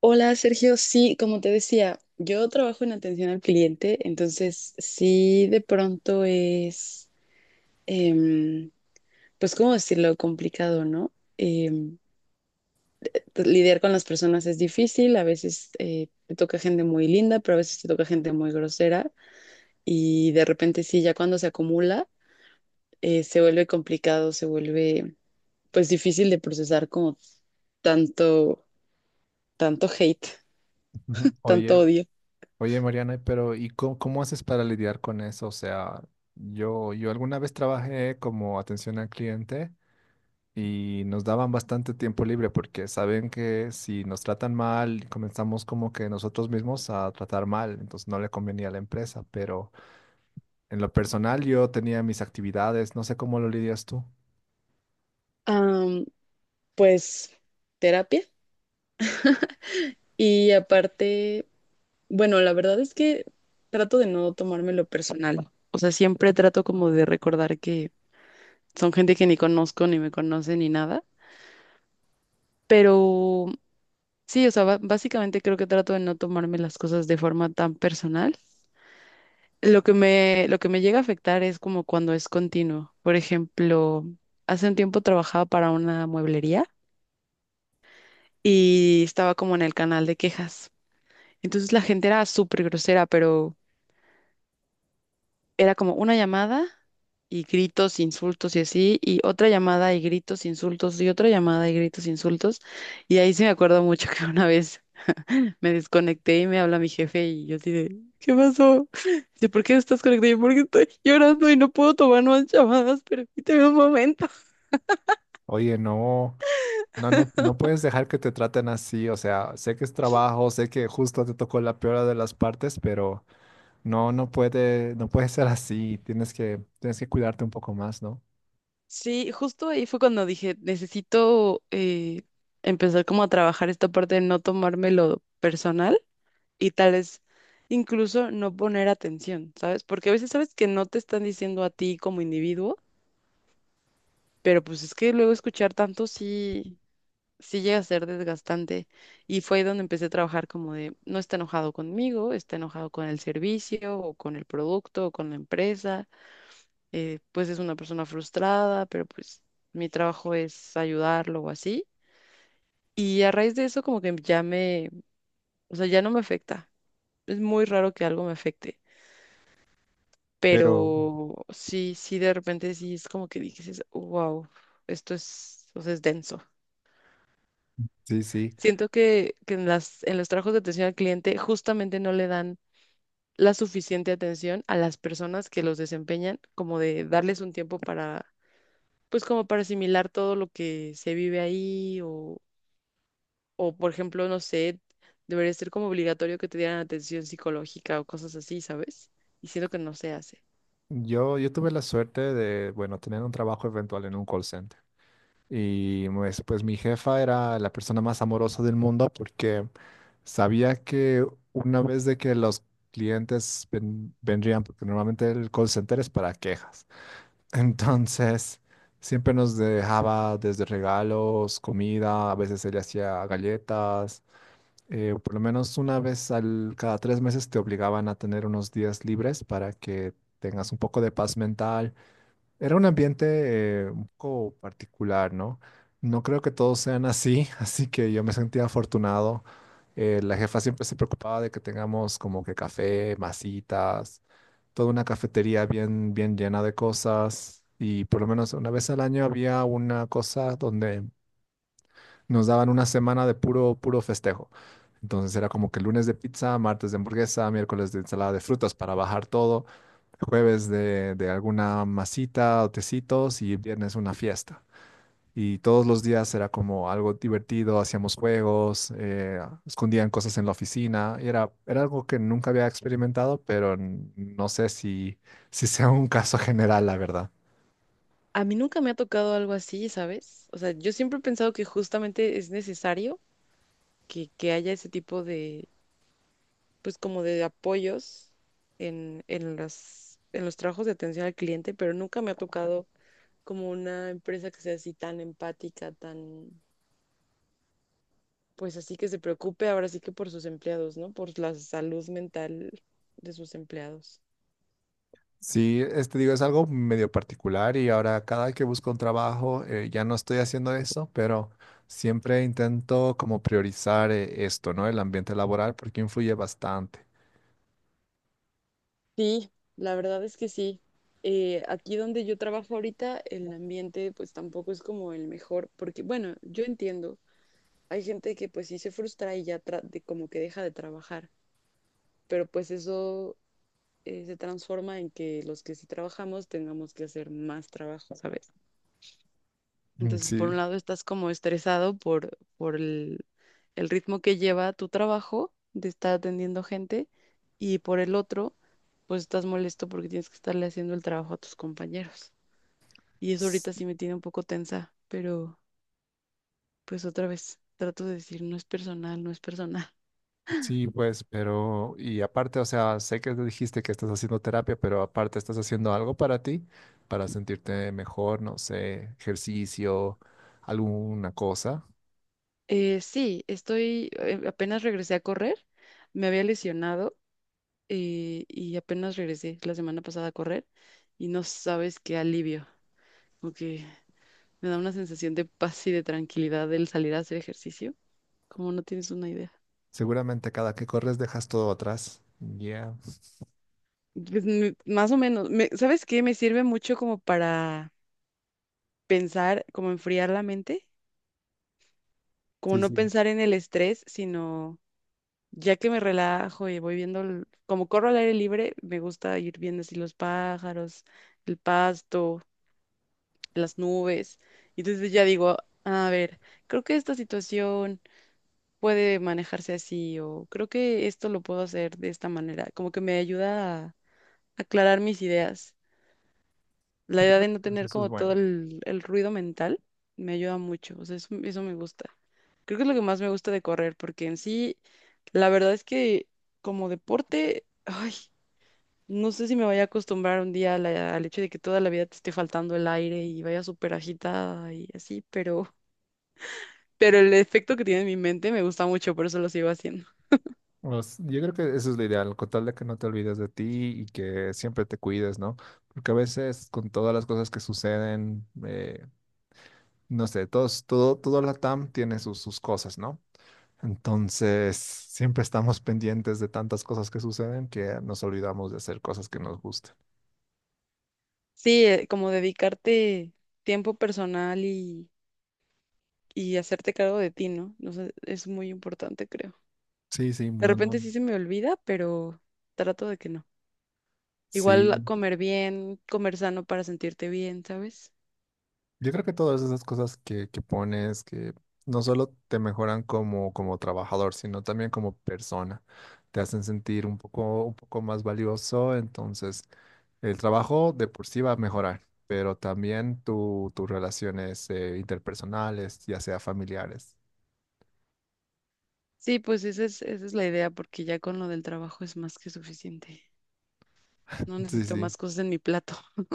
Hola Sergio, sí, como te decía, yo trabajo en atención al cliente, entonces sí de pronto es, em, pues cómo decirlo, complicado, ¿no? Pues, lidiar con las personas es difícil, a veces te toca gente muy linda, pero a veces te toca gente muy grosera y de repente sí, ya cuando se acumula, se vuelve complicado, se vuelve pues difícil de procesar como tanto, tanto hate, Ujú. tanto Oye, odio. oye Mariana, pero ¿y cómo, cómo haces para lidiar con eso? O sea, yo alguna vez trabajé como atención al cliente y nos daban bastante tiempo libre porque saben que si nos tratan mal, comenzamos como que nosotros mismos a tratar mal, entonces no le convenía a la empresa, pero en lo personal yo tenía mis actividades, no sé cómo lo lidias tú. Am, pues terapia. Y aparte, bueno, la verdad es que trato de no tomármelo personal. O sea, siempre trato como de recordar que son gente que ni conozco, ni me conoce, ni nada. Pero sí, o sea, básicamente creo que trato de no tomarme las cosas de forma tan personal. Lo que me llega a afectar es como cuando es continuo. Por ejemplo, hace un tiempo trabajaba para una mueblería y estaba como en el canal de quejas. Entonces la gente era súper grosera, pero era como una llamada y gritos, insultos y así, y otra llamada y gritos, insultos y otra llamada y gritos, insultos. Y ahí sí me acuerdo mucho que una vez me desconecté y me habla mi jefe y yo así de, ¿qué pasó? Dice, ¿por qué estás conectado? Yo, porque estoy llorando y no puedo tomar más llamadas, permíteme un momento. Oye, no. No, no, no puedes dejar que te traten así, o sea, sé que es trabajo, sé que justo te tocó la peor de las partes, pero no, no puede, no puede ser así. Tienes que cuidarte un poco más, ¿no? Sí, justo ahí fue cuando dije, necesito empezar como a trabajar esta parte de no tomármelo personal y tal vez incluso no poner atención, ¿sabes? Porque a veces sabes que no te están diciendo a ti como individuo, pero pues es que luego escuchar tanto sí, sí llega a ser desgastante. Y fue ahí donde empecé a trabajar como de, no está enojado conmigo, está enojado con el servicio o con el producto o con la empresa, pues es una persona frustrada, pero pues mi trabajo es ayudarlo o así. Y a raíz de eso como que o sea, ya no me afecta. Es muy raro que algo me afecte. Pero Pero sí, sí, de repente sí es como que dices, wow, esto es, o sea, es denso. sí, sí. Siento que en en los trabajos de atención al cliente justamente no le dan la suficiente atención a las personas que los desempeñan, como de darles un tiempo para, pues como para asimilar todo lo que se vive ahí o por ejemplo, no sé, debería ser como obligatorio que te dieran atención psicológica o cosas así, ¿sabes? Y siento que no se hace. Yo tuve la suerte de, bueno, tener un trabajo eventual en un call center. Y pues, pues mi jefa era la persona más amorosa del mundo porque sabía que una vez de que los clientes vendrían, porque normalmente el call center es para quejas. Entonces, siempre nos dejaba desde regalos, comida, a veces ella hacía galletas por lo menos una vez al, cada tres meses te obligaban a tener unos días libres para que tengas un poco de paz mental. Era un ambiente un poco particular, ¿no? No creo que todos sean así, así que yo me sentía afortunado. La jefa siempre se preocupaba de que tengamos como que café, masitas, toda una cafetería bien, bien llena de cosas. Y por lo menos una vez al año había una cosa donde nos daban una semana de puro, puro festejo. Entonces era como que lunes de pizza, martes de hamburguesa, miércoles de ensalada de frutas para bajar todo, jueves de alguna masita o tecitos y viernes una fiesta. Y todos los días era como algo divertido, hacíamos juegos, escondían cosas en la oficina. Y era, era algo que nunca había experimentado, pero no sé si, si sea un caso general, la verdad. A mí nunca me ha tocado algo así, ¿sabes? O sea, yo siempre he pensado que justamente es necesario que haya ese tipo de, pues como de apoyos en en los trabajos de atención al cliente, pero nunca me ha tocado como una empresa que sea así tan empática, tan, pues así que se preocupe ahora sí que por sus empleados, ¿no? Por la salud mental de sus empleados. Sí, este digo, es algo medio particular y ahora cada que busco un trabajo ya no estoy haciendo eso, pero siempre intento como priorizar esto, ¿no? El ambiente laboral porque influye bastante. Sí, la verdad es que sí. Aquí donde yo trabajo ahorita, el ambiente pues tampoco es como el mejor, porque bueno, yo entiendo, hay gente que pues sí se frustra y ya como que deja de trabajar, pero pues eso se transforma en que los que sí trabajamos tengamos que hacer más trabajo, ¿sabes? Mm, Entonces, por sí, un lado estás como estresado por el ritmo que lleva tu trabajo de estar atendiendo gente y por el otro, pues estás molesto porque tienes que estarle haciendo el trabajo a tus compañeros. Y eso s- ahorita sí me tiene un poco tensa, pero pues otra vez trato de decir, no es personal, no es personal. sí, pues, pero y aparte, o sea, sé que dijiste que estás haciendo terapia, pero aparte estás haciendo algo para ti, para sentirte mejor, no sé, ejercicio, alguna cosa. Sí, estoy, apenas regresé a correr, me había lesionado y apenas regresé la semana pasada a correr y no sabes qué alivio. Ok. Me da una sensación de paz y de tranquilidad el salir a hacer ejercicio, como no tienes una idea. Seguramente cada que corres dejas todo atrás. Ya, Pues, mm, más o menos, ¿sabes qué? Me sirve mucho como para pensar, como enfriar la mente, como sí, no sí. pensar en el estrés, sino ya que me relajo y voy viendo, como corro al aire libre, me gusta ir viendo así los pájaros, el pasto, las nubes. Y entonces ya digo, a ver, creo que esta situación puede manejarse así o creo que esto lo puedo hacer de esta manera, como que me ayuda a aclarar mis ideas. La idea de no Pues tener eso es como todo bueno. El ruido mental me ayuda mucho, o sea, eso me gusta. Creo que es lo que más me gusta de correr, porque en sí, la verdad es que como deporte, ay, no sé si me vaya a acostumbrar un día a al hecho de que toda la vida te esté faltando el aire y vaya súper agitada y así, pero el efecto que tiene en mi mente me gusta mucho, por eso lo sigo haciendo. Pues, yo creo que eso es lo ideal, con tal de que no te olvides de ti y que siempre te cuides, ¿no? Porque a veces con todas las cosas que suceden, no sé, todos, todo la TAM tiene sus, sus cosas, ¿no? Entonces, siempre estamos pendientes de tantas cosas que suceden que nos olvidamos de hacer cosas que nos gustan. Sí, como dedicarte tiempo personal y hacerte cargo de ti, ¿no? No sé, es muy importante, creo. Sí, sí, De no, repente no. sí se me olvida, pero trato de que no. Igual Sí, comer bien, comer sano para sentirte bien, ¿sabes? yo creo que todas esas cosas que pones, que no solo te mejoran como, como trabajador, sino también como persona, te hacen sentir un poco más valioso, entonces el trabajo de por sí va a mejorar, pero también tu, tus relaciones interpersonales, ya sea familiares. Sí, pues esa es la idea, porque ya con lo del trabajo es más que suficiente. No Sí, necesito sí. más cosas en mi plato.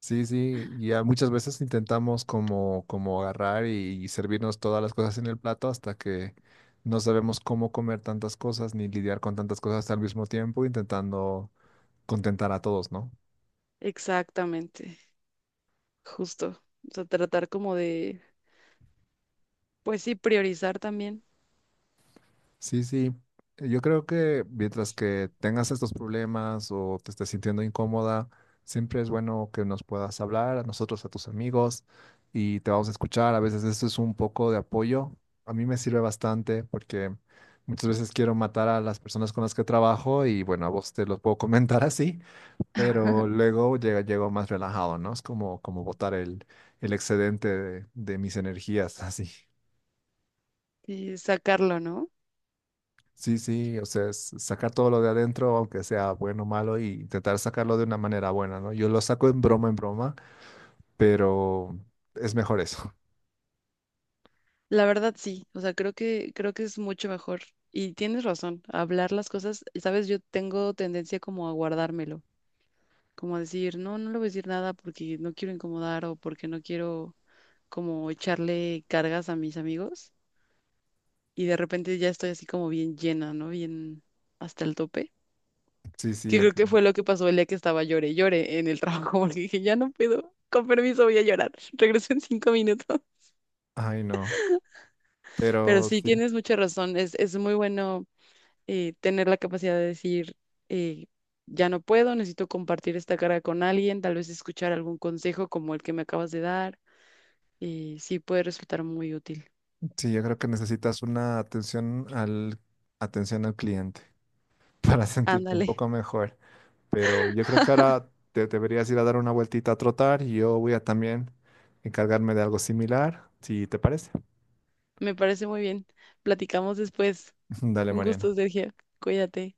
Sí, sí, ya muchas veces intentamos como, como agarrar y servirnos todas las cosas en el plato hasta que no sabemos cómo comer tantas cosas ni lidiar con tantas cosas al mismo tiempo, intentando contentar a todos, ¿no? Exactamente, justo. O sea, tratar como de, pues sí, priorizar también Sí, sí. Yo creo que mientras que tengas estos problemas o te estés sintiendo incómoda, siempre es bueno que nos puedas hablar a nosotros, a tus amigos, y te vamos a escuchar. A veces eso es un poco de apoyo. A mí me sirve bastante porque muchas veces quiero matar a las personas con las que trabajo y bueno, a vos te los puedo comentar así, pero luego llega, llego más relajado, ¿no? Es como, como botar el excedente de mis energías así. y sacarlo, ¿no? Sí, sí, o sea, es sacar todo lo de adentro, aunque sea bueno o malo, y intentar sacarlo de una manera buena, ¿no? Yo lo saco en broma, pero es mejor eso. La verdad sí, o sea, creo que es mucho mejor y tienes razón, hablar las cosas, sabes, yo tengo tendencia como a guardármelo, como a decir, no, no le voy a decir nada porque no quiero incomodar o porque no quiero como echarle cargas a mis amigos y de repente ya estoy así como bien llena, ¿no? Bien hasta el tope, Sí, sí, que creo que entiendo. fue lo que pasó el día que estaba llore, y llore en el trabajo porque dije, ya no puedo, con permiso voy a llorar, regreso en 5 minutos, Ay, no. pero Pero sí, sí, tienes mucha razón, es muy bueno tener la capacidad de decir, eh, ya no puedo, necesito compartir esta carga con alguien, tal vez escuchar algún consejo como el que me acabas de dar, y sí puede resultar muy útil. sí, yo creo que necesitas una atención al cliente para sentirte un Ándale, poco mejor. Pero yo creo que ahora te deberías ir a dar una vueltita a trotar y yo voy a también encargarme de algo similar, si te parece. me parece muy bien. Platicamos después. Dale, Un Mariana. gusto, Sergio. Cuídate.